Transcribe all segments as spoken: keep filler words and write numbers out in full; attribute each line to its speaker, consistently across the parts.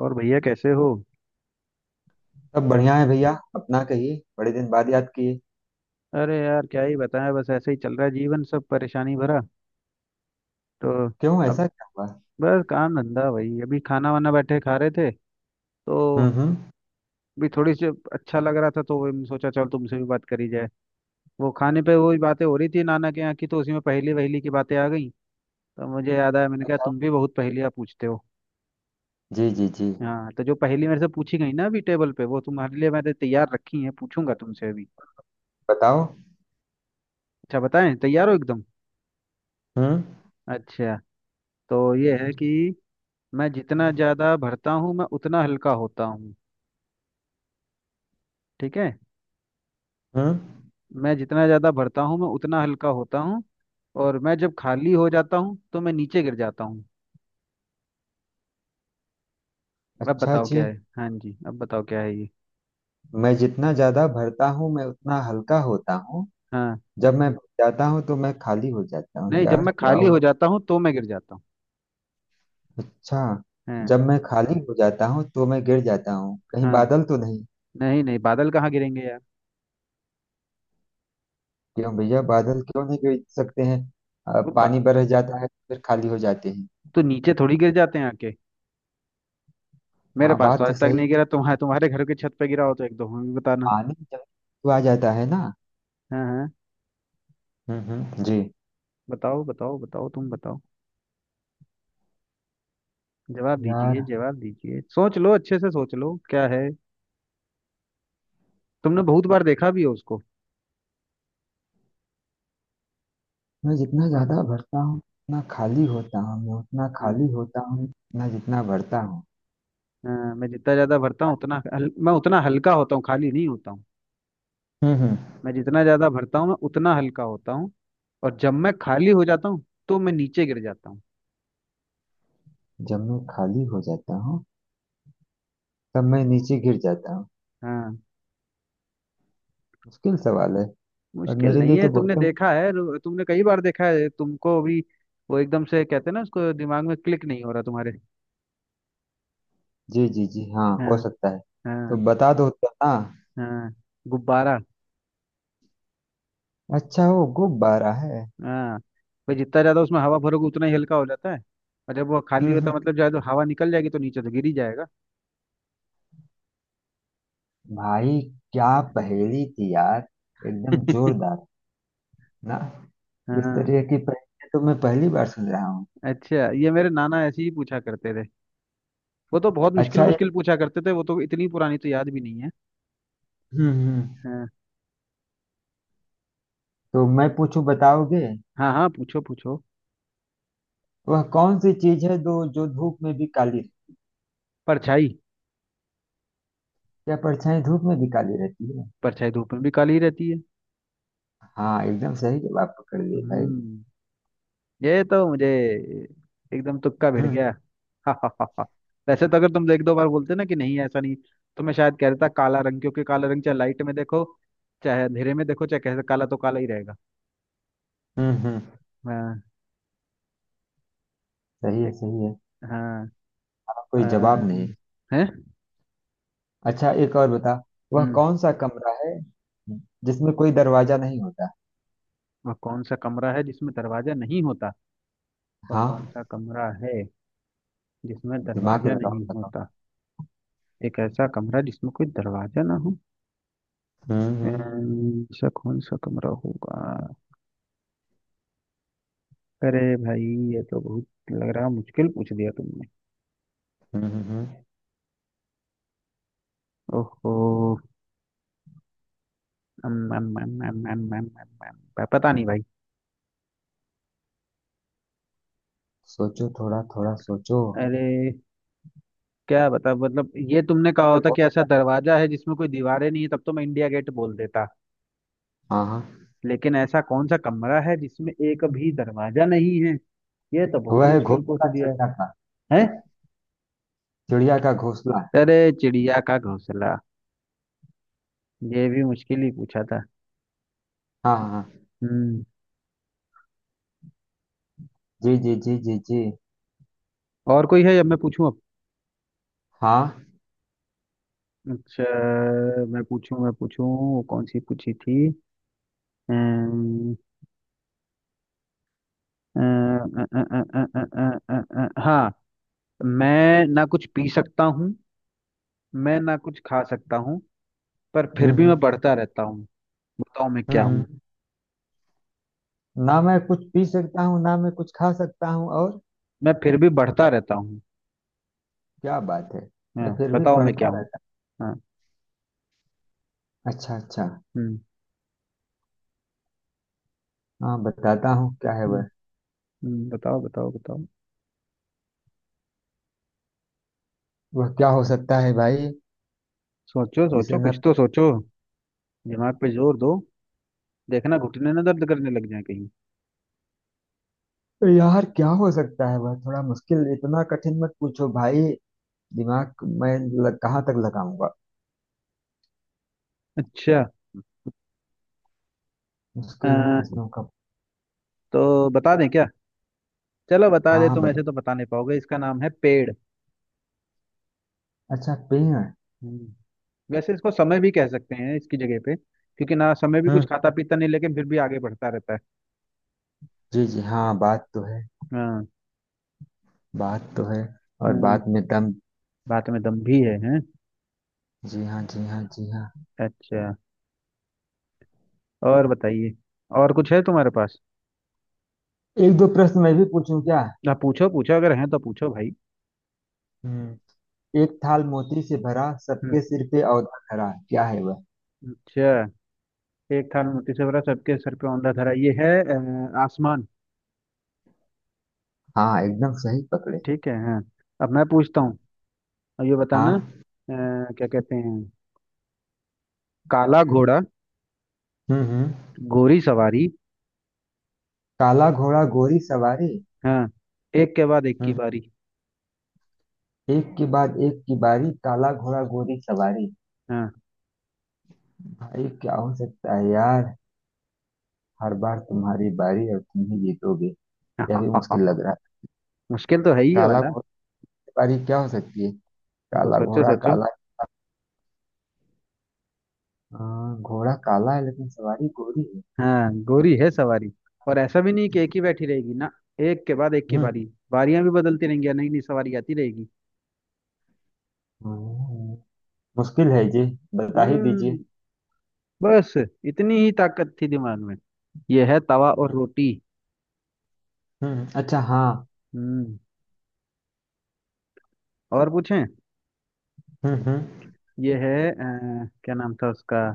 Speaker 1: और भैया कैसे हो?
Speaker 2: सब बढ़िया है भैया। अपना कहिए, बड़े दिन बाद याद किए।
Speaker 1: अरे यार, क्या ही बताएं, बस ऐसे ही चल रहा है जीवन, सब परेशानी भरा। तो
Speaker 2: क्यों,
Speaker 1: अब
Speaker 2: ऐसा क्या हुआ।
Speaker 1: बस काम धंधा वही, अभी खाना वाना बैठे खा रहे थे तो
Speaker 2: हम्म हम्म।
Speaker 1: भी थोड़ी सी अच्छा लग रहा था तो वही सोचा चल तुमसे भी बात करी जाए। वो खाने पे वही बातें हो रही थी नाना के यहाँ की, तो उसी में पहेली वहेली की बातें आ गई। तो मुझे याद आया, मैंने कहा
Speaker 2: बताओ।
Speaker 1: तुम भी बहुत पहेलियाँ पूछते हो।
Speaker 2: जी जी जी।
Speaker 1: हाँ, तो जो पहेली मेरे से पूछी गई ना अभी टेबल पे, वो तुम्हारे लिए मैंने तैयार रखी है, पूछूंगा तुमसे अभी।
Speaker 2: बताओ।
Speaker 1: अच्छा बताएं, तैयार हो एकदम?
Speaker 2: हम्म
Speaker 1: अच्छा। तो ये है कि मैं जितना ज़्यादा भरता हूँ मैं उतना हल्का होता हूँ। ठीक है?
Speaker 2: हम्म।
Speaker 1: मैं जितना ज़्यादा भरता हूँ मैं उतना हल्का होता हूँ। और मैं जब खाली हो जाता हूँ तो मैं नीचे गिर जाता हूँ। अब
Speaker 2: अच्छा
Speaker 1: बताओ क्या
Speaker 2: जी।
Speaker 1: है? हाँ जी, अब बताओ क्या है ये?
Speaker 2: मैं जितना ज्यादा भरता हूँ मैं उतना हल्का होता हूँ।
Speaker 1: हाँ।
Speaker 2: जब मैं भर जाता हूँ तो मैं खाली हो जाता हूँ,
Speaker 1: नहीं, जब
Speaker 2: यार
Speaker 1: मैं
Speaker 2: क्या
Speaker 1: खाली
Speaker 2: हो।
Speaker 1: हो जाता हूँ तो मैं गिर जाता हूँ।
Speaker 2: अच्छा।
Speaker 1: हाँ।
Speaker 2: जब मैं खाली हो जाता हूँ तो मैं गिर जाता हूँ, कहीं
Speaker 1: हाँ,
Speaker 2: बादल तो नहीं।
Speaker 1: नहीं नहीं, बादल कहाँ गिरेंगे यार।
Speaker 2: क्यों भैया, बादल क्यों नहीं गिर सकते हैं। अ,
Speaker 1: वो बा...
Speaker 2: पानी बरस जाता है तो फिर खाली हो जाते हैं।
Speaker 1: तो नीचे थोड़ी गिर जाते हैं आके। मेरे
Speaker 2: हाँ
Speaker 1: पास तो
Speaker 2: बात
Speaker 1: आज
Speaker 2: तो
Speaker 1: तक
Speaker 2: सही।
Speaker 1: नहीं गिरा, तुम्हारे तुम्हारे घर के छत पे गिरा हो तो एक दो हमें भी बताना।
Speaker 2: पानी जब तो आ जाता है ना।
Speaker 1: हाँ हाँ।
Speaker 2: हम्म हम्म, जी।
Speaker 1: बताओ बताओ बताओ, तुम बताओ। जवाब दीजिए,
Speaker 2: यार,
Speaker 1: जवाब दीजिए, सोच लो, अच्छे से सोच लो क्या है। तुमने बहुत बार देखा भी हो उसको।
Speaker 2: मैं जितना
Speaker 1: हाँ,
Speaker 2: ज्यादा भरता हूँ उतना खाली होता हूँ, मैं उतना
Speaker 1: हाँ,
Speaker 2: खाली होता हूँ मैं जितना भरता हूँ।
Speaker 1: हाँ, मैं जितना ज्यादा भरता हूँ उतना हल, मैं उतना हल्का होता हूँ, खाली नहीं होता हूँ।
Speaker 2: हम्म हम्म।
Speaker 1: मैं जितना ज्यादा भरता हूँ मैं उतना हल्का होता हूँ। और जब मैं खाली हो जाता हूँ तो मैं नीचे गिर जाता हूँ।
Speaker 2: जब मैं खाली हो जाता हूँ तब मैं नीचे गिर जाता हूँ।
Speaker 1: हाँ।
Speaker 2: मुश्किल सवाल है। और
Speaker 1: मुश्किल
Speaker 2: मेरे
Speaker 1: नहीं
Speaker 2: लिए
Speaker 1: है,
Speaker 2: तो बहुत
Speaker 1: तुमने
Speaker 2: ही-।
Speaker 1: देखा है, रो- तुमने कई बार देखा है, तुमको अभी वो एकदम से कहते हैं ना उसको, दिमाग में क्लिक नहीं हो रहा तुम्हारे?
Speaker 2: जी जी जी, हाँ हो
Speaker 1: हाँ
Speaker 2: सकता है। तो
Speaker 1: हाँ।
Speaker 2: बता दो तो। हाँ।
Speaker 1: हाँ। गुब्बारा।
Speaker 2: अच्छा, वो गुब्बारा है।
Speaker 1: हाँ। भाई जितना ज्यादा उसमें हवा भरोगे उतना ही हल्का हो जाता है। और जब वो खाली
Speaker 2: हम्म
Speaker 1: होता
Speaker 2: हम्म।
Speaker 1: है मतलब ज्यादा हवा निकल जाएगी तो नीचे तो गिर ही जाएगा।
Speaker 2: भाई क्या पहेली थी यार, एकदम जोरदार। ना। इस
Speaker 1: हाँ।
Speaker 2: तरह की पहेली तो मैं पहली बार सुन रहा हूँ।
Speaker 1: अच्छा, ये मेरे नाना ऐसे ही पूछा करते थे। वो तो बहुत मुश्किल
Speaker 2: अच्छा ये।
Speaker 1: मुश्किल पूछा करते थे, वो तो इतनी पुरानी तो याद भी नहीं है।
Speaker 2: हम्म हम्म।
Speaker 1: हाँ।
Speaker 2: तो मैं पूछूं, बताओगे।
Speaker 1: हाँ हाँ, पूछो पूछो।
Speaker 2: वह कौन सी चीज है दो जो धूप में भी काली रहती है?
Speaker 1: परछाई।
Speaker 2: क्या परछाई धूप में भी काली रहती है।
Speaker 1: परछाई धूप में भी काली रहती है।
Speaker 2: हाँ एकदम सही जवाब पकड़ लिए भाई।
Speaker 1: हम्म। ये तो मुझे एकदम तुक्का भिड़
Speaker 2: हम्म
Speaker 1: गया। वैसे तो अगर तुम एक दो बार बोलते ना कि नहीं ऐसा नहीं, तो मैं शायद कह देता काला रंग, क्योंकि काला रंग चाहे लाइट में देखो चाहे अंधेरे में देखो चाहे कैसे, काला तो काला ही रहेगा।
Speaker 2: हम्म हम्म।
Speaker 1: हाँ।
Speaker 2: सही है
Speaker 1: देख-
Speaker 2: सही है।
Speaker 1: हाँ।
Speaker 2: हाँ, कोई जवाब
Speaker 1: अम,
Speaker 2: नहीं।
Speaker 1: है।
Speaker 2: अच्छा एक और बता। वह
Speaker 1: हम्म।
Speaker 2: कौन सा कमरा है जिसमें कोई दरवाजा नहीं होता।
Speaker 1: वह कौन सा कमरा है जिसमें दरवाजा नहीं होता? वह कौन
Speaker 2: हाँ।
Speaker 1: सा कमरा है जिसमें
Speaker 2: दिमाग
Speaker 1: दरवाजा
Speaker 2: लगाओ,
Speaker 1: नहीं
Speaker 2: बताओ।
Speaker 1: होता? एक ऐसा कमरा जिसमें कोई दरवाजा ना हो।
Speaker 2: हम्म हम्म।
Speaker 1: अम, ऐसा कौन सा कमरा होगा? अरे भाई, ये तो बहुत लग रहा, मुश्किल पूछ दिया तुमने।
Speaker 2: हम्म हम्म, हम्म।
Speaker 1: ओहो। अम, अम, अम, अम, अम, अम, अम, अम, पता नहीं भाई।
Speaker 2: सोचो, थोड़ा थोड़ा सोचो।
Speaker 1: अरे क्या बता, मतलब ये तुमने कहा
Speaker 2: वह
Speaker 1: होता
Speaker 2: घो-।
Speaker 1: कि ऐसा दरवाजा है जिसमें कोई दीवारें नहीं है, तब तो मैं इंडिया गेट बोल देता,
Speaker 2: हाँ हाँ।
Speaker 1: लेकिन ऐसा कौन सा कमरा है जिसमें एक भी दरवाजा नहीं है? ये तो बहुत
Speaker 2: वह है
Speaker 1: मुश्किल पूछ
Speaker 2: घोंसला
Speaker 1: दिया।
Speaker 2: चिड़िया का।
Speaker 1: है? हैं?
Speaker 2: चिड़िया का घोंसला।
Speaker 1: अरे चिड़िया का घोंसला! ये भी मुश्किल ही पूछा था।
Speaker 2: हाँ हाँ हाँ।
Speaker 1: हम्म।
Speaker 2: जी जी जी जी जी।
Speaker 1: और कोई है या मैं पूछूं अब?
Speaker 2: हाँ।
Speaker 1: अच्छा। मैं पूछूं, मैं पूछूं, कौन सी पूछी थी। अम्म, अ, अ, अ, अ, अ, अ, अ, अ, अ, हाँ। मैं ना कुछ पी सकता हूँ, मैं ना कुछ खा सकता हूँ, पर फिर
Speaker 2: हम्म
Speaker 1: भी मैं
Speaker 2: हम्म।
Speaker 1: बढ़ता रहता हूँ। बताओ मैं
Speaker 2: हम्म।
Speaker 1: क्या हूँ?
Speaker 2: हम्म। ना मैं कुछ पी सकता हूँ ना मैं कुछ खा सकता हूँ और।
Speaker 1: मैं फिर भी बढ़ता रहता हूँ।
Speaker 2: क्या बात है।
Speaker 1: हाँ,
Speaker 2: मैं फिर भी
Speaker 1: बताओ मैं क्या
Speaker 2: पढ़ता
Speaker 1: हूँ?
Speaker 2: रहता
Speaker 1: हाँ।
Speaker 2: हूँ। अच्छा अच्छा।
Speaker 1: हम्म।
Speaker 2: हाँ, बताता हूँ क्या है
Speaker 1: हम्म,
Speaker 2: वह।
Speaker 1: हम्म, बताओ बताओ बताओ।
Speaker 2: वह क्या हो सकता है भाई।
Speaker 1: सोचो
Speaker 2: जिसे
Speaker 1: सोचो, कुछ
Speaker 2: न।
Speaker 1: तो सोचो। दिमाग पे जोर दो। देखना घुटने ना दर्द करने लग जाए कहीं।
Speaker 2: यार क्या हो सकता है वह, थोड़ा मुश्किल, इतना कठिन मत पूछो भाई। दिमाग मैं लग, कहाँ तक लगाऊंगा।
Speaker 1: अच्छा। अ,
Speaker 2: मुश्किल है प्रश्नों का।
Speaker 1: तो बता दें क्या? चलो बता
Speaker 2: हाँ
Speaker 1: दे,
Speaker 2: हाँ
Speaker 1: तुम
Speaker 2: बता।
Speaker 1: ऐसे तो बता नहीं पाओगे, इसका नाम है पेड़।
Speaker 2: अच्छा, पेड़।
Speaker 1: हम्म, वैसे इसको समय भी कह सकते हैं इसकी जगह पे, क्योंकि ना समय भी कुछ
Speaker 2: हम्म।
Speaker 1: खाता पीता नहीं लेकिन फिर भी आगे बढ़ता रहता है।
Speaker 2: जी जी, हाँ बात तो है।
Speaker 1: हाँ।
Speaker 2: बात तो है। और
Speaker 1: हम्म,
Speaker 2: बात में दम।
Speaker 1: बात में दम भी है। हैं?
Speaker 2: जी हाँ जी हाँ जी हाँ।
Speaker 1: अच्छा। और बताइए, और कुछ है तुम्हारे पास?
Speaker 2: एक दो प्रश्न मैं भी पूछूं क्या।
Speaker 1: ना, पूछो पूछो, अगर है तो पूछो भाई।
Speaker 2: हम्म। एक थाल मोती से भरा,
Speaker 1: हम्म,
Speaker 2: सबके सिर पे औंधा धरा, क्या है वह।
Speaker 1: अच्छा, एक थाल मोती से भरा, सबके सर पे औंधा धरा, ये है अ, आसमान।
Speaker 2: हाँ एकदम सही पकड़े।
Speaker 1: ठीक है। हाँ। अब मैं पूछता हूँ। अब ये बताना, अ,
Speaker 2: हाँ।
Speaker 1: क्या कहते हैं। काला घोड़ा
Speaker 2: हम्म हम्म।
Speaker 1: गोरी सवारी।
Speaker 2: काला घोड़ा गोरी सवारी।
Speaker 1: हाँ। एक के बाद एक की
Speaker 2: हम्म।
Speaker 1: बारी।
Speaker 2: एक के बाद एक की बारी, काला घोड़ा गोरी सवारी।
Speaker 1: हाँ।
Speaker 2: भाई क्या हो सकता है यार। हर बार तुम्हारी बारी और तुम ही जीतोगे। यह भी मुश्किल लग रहा है।
Speaker 1: मुश्किल तो है ही ये
Speaker 2: काला
Speaker 1: वाला।
Speaker 2: घोड़ा की बारी क्या हो सकती है।
Speaker 1: वो
Speaker 2: काला
Speaker 1: सोचो
Speaker 2: घोड़ा
Speaker 1: सोचो।
Speaker 2: काला। हाँ, घोड़ा काला है लेकिन सवारी गोरी है।
Speaker 1: हाँ, गोरी है सवारी। और ऐसा भी नहीं कि एक ही बैठी रहेगी ना, एक के बाद एक की
Speaker 2: हम्म
Speaker 1: बारी। बारियां भी बदलती रहेंगी और नई नई सवारी आती रहेगी।
Speaker 2: हम्म, हम्म। मुश्किल है जी, बता ही
Speaker 1: हम्म।
Speaker 2: दीजिए।
Speaker 1: बस, इतनी ही ताकत थी दिमाग में। ये है तवा और रोटी।
Speaker 2: हम्म अच्छा हाँ।
Speaker 1: हम्म। और पूछें?
Speaker 2: हम्म हम्म।
Speaker 1: ये है, अ, क्या नाम था उसका,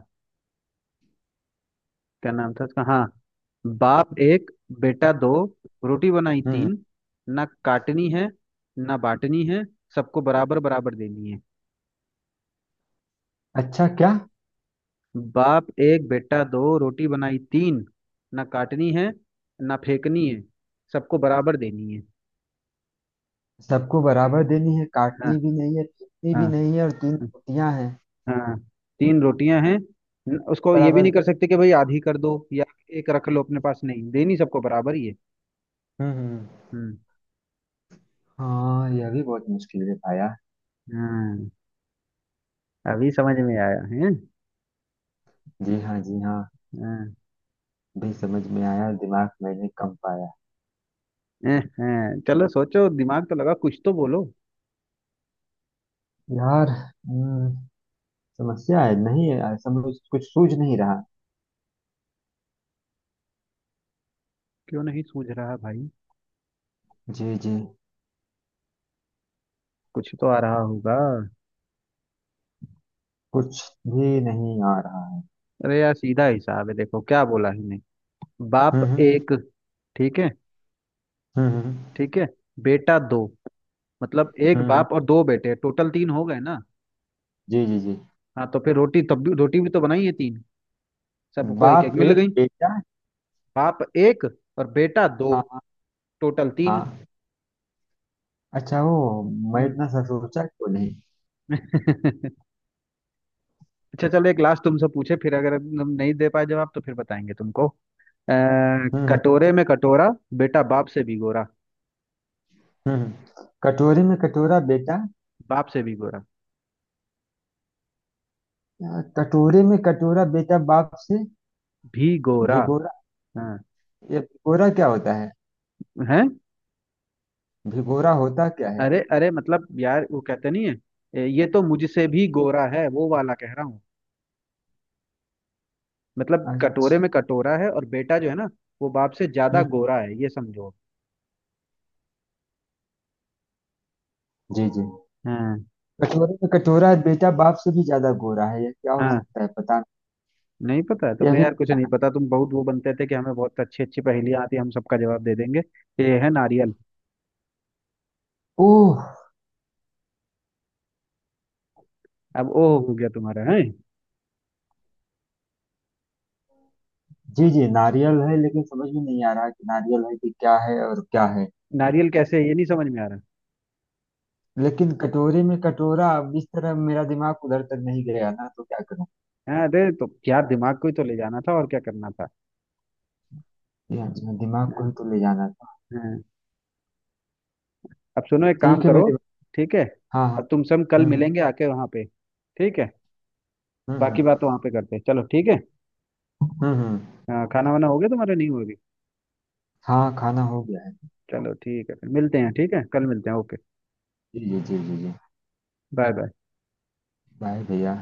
Speaker 1: क्या नाम था उसका, हाँ। बाप एक, बेटा दो, रोटी बनाई
Speaker 2: हम्म।
Speaker 1: तीन। ना काटनी है, ना बांटनी है, सबको बराबर बराबर देनी है।
Speaker 2: अच्छा क्या।
Speaker 1: बाप एक, बेटा दो, रोटी बनाई तीन। ना काटनी है, ना फेंकनी है, सबको बराबर देनी है।
Speaker 2: सबको बराबर देनी है,
Speaker 1: हाँ।
Speaker 2: काटनी भी नहीं है, पीटनी भी
Speaker 1: हाँ।
Speaker 2: नहीं है, और तीन रोटियां हैं।
Speaker 1: हाँ। तीन रोटियां हैं। न- उसको ये भी
Speaker 2: बराबर
Speaker 1: नहीं कर
Speaker 2: दे-।
Speaker 1: सकते कि भाई आधी कर दो या एक रख लो अपने पास, नहीं, देनी सबको बराबर ही है।
Speaker 2: हम्म हम्म।
Speaker 1: हम्म।
Speaker 2: हाँ यह भी बहुत मुश्किल है पाया।
Speaker 1: हाँ, अभी समझ में आया है।
Speaker 2: जी हाँ जी हाँ।
Speaker 1: हाँ।
Speaker 2: भी समझ में आया और दिमाग मैंने कम पाया।
Speaker 1: हैं, हैं। चलो सोचो, दिमाग तो लगा, कुछ तो बोलो।
Speaker 2: यार हम्म, समस्या है, नहीं है ऐसा, मुझे कुछ सूझ नहीं रहा।
Speaker 1: क्यों नहीं सूझ रहा भाई?
Speaker 2: जी जी।
Speaker 1: कुछ तो आ रहा होगा।
Speaker 2: कुछ भी नहीं आ रहा।
Speaker 1: अरे यार, सीधा हिसाब है, देखो क्या बोला ही नहीं। बाप
Speaker 2: हम्म हम्म।
Speaker 1: एक। ठीक है?
Speaker 2: हम्म हम्म,
Speaker 1: ठीक है। बेटा दो। मतलब एक
Speaker 2: हम्म। हम्म।
Speaker 1: बाप और दो बेटे, टोटल तीन हो गए ना।
Speaker 2: जी जी जी।
Speaker 1: हाँ, तो फिर रोटी, तब भी रोटी भी तो बनाई है तीन, सबको एक एक
Speaker 2: बाप
Speaker 1: मिल
Speaker 2: एक,
Speaker 1: गई।
Speaker 2: बेटा।
Speaker 1: बाप एक और बेटा दो,
Speaker 2: हाँ
Speaker 1: टोटल तीन।
Speaker 2: हाँ। अच्छा वो, मैं
Speaker 1: हम्म।
Speaker 2: इतना सा सोचा क्यों नहीं।
Speaker 1: अच्छा चलो, एक लास्ट तुमसे पूछे फिर अगर हम नहीं दे पाए जवाब तो फिर बताएंगे तुमको। अह,
Speaker 2: हम्म हम्म।
Speaker 1: कटोरे में कटोरा, बेटा बाप से भी गोरा।
Speaker 2: हम्म हम्म, कटोरे में कटोरा बेटा।
Speaker 1: बाप से भी गोरा,
Speaker 2: अ, कटोरे में कटोरा बेटा बाप से
Speaker 1: भी गोरा।
Speaker 2: भिगोरा।
Speaker 1: हाँ।
Speaker 2: ये भिगोरा क्या होता है।
Speaker 1: हैं?
Speaker 2: भिगोरा होता क्या है।
Speaker 1: अरे अरे, मतलब यार, वो कहते नहीं है, ए, ये तो मुझसे भी गोरा है, वो वाला कह रहा हूँ। मतलब कटोरे
Speaker 2: अच्छा।
Speaker 1: में कटोरा है, और बेटा जो है ना वो बाप से ज्यादा
Speaker 2: हम्म।
Speaker 1: गोरा है, ये समझो।
Speaker 2: जी जी।
Speaker 1: हाँ।
Speaker 2: कटोरे में कटोरा बेटा बाप से भी ज्यादा गोरा है, ये क्या हो
Speaker 1: हाँ।
Speaker 2: सकता है पता
Speaker 1: नहीं पता है
Speaker 2: नहीं। ये
Speaker 1: तुम्हें
Speaker 2: भी।
Speaker 1: यार, कुछ नहीं पता, तुम बहुत वो बनते थे कि हमें बहुत अच्छी अच्छी पहेलियां आती हैं, हम सबका जवाब दे देंगे। ये है नारियल।
Speaker 2: ओह।
Speaker 1: अब ओ हो गया तुम्हारा, है?
Speaker 2: जी जी, नारियल है लेकिन समझ में नहीं आ रहा कि नारियल है कि क्या है और क्या है।
Speaker 1: नारियल कैसे है, ये नहीं समझ में आ रहा?
Speaker 2: लेकिन कटोरे में कटोरा अब इस तरह मेरा दिमाग उधर तक नहीं गया ना, तो क्या करूं।
Speaker 1: हाँ, अरे तो क्या दिमाग को ही तो ले जाना था, और क्या करना था।
Speaker 2: ये दिमाग को ही
Speaker 1: हाँ।
Speaker 2: तो ले जाना था।
Speaker 1: हाँ। अब सुनो, एक काम
Speaker 2: ठीक है
Speaker 1: करो।
Speaker 2: मेरे।
Speaker 1: ठीक है।
Speaker 2: हाँ हाँ।
Speaker 1: अब तुम सब कल
Speaker 2: हम्म हम्म।
Speaker 1: मिलेंगे आके वहां पे। ठीक है?
Speaker 2: हुँ, हुँ,
Speaker 1: बाकी बात वहां पे करते हैं, चलो ठीक है।
Speaker 2: हुँ, हुँ।
Speaker 1: हाँ, खाना वाना हो गया तुम्हारा, नहीं हो गया?
Speaker 2: हाँ, खाना हो गया है।
Speaker 1: चलो ठीक है, फिर मिलते हैं, ठीक है, कल मिलते हैं, ओके।
Speaker 2: जी, जी, जी, जी, जी।
Speaker 1: Bye bye.
Speaker 2: बाय भैया।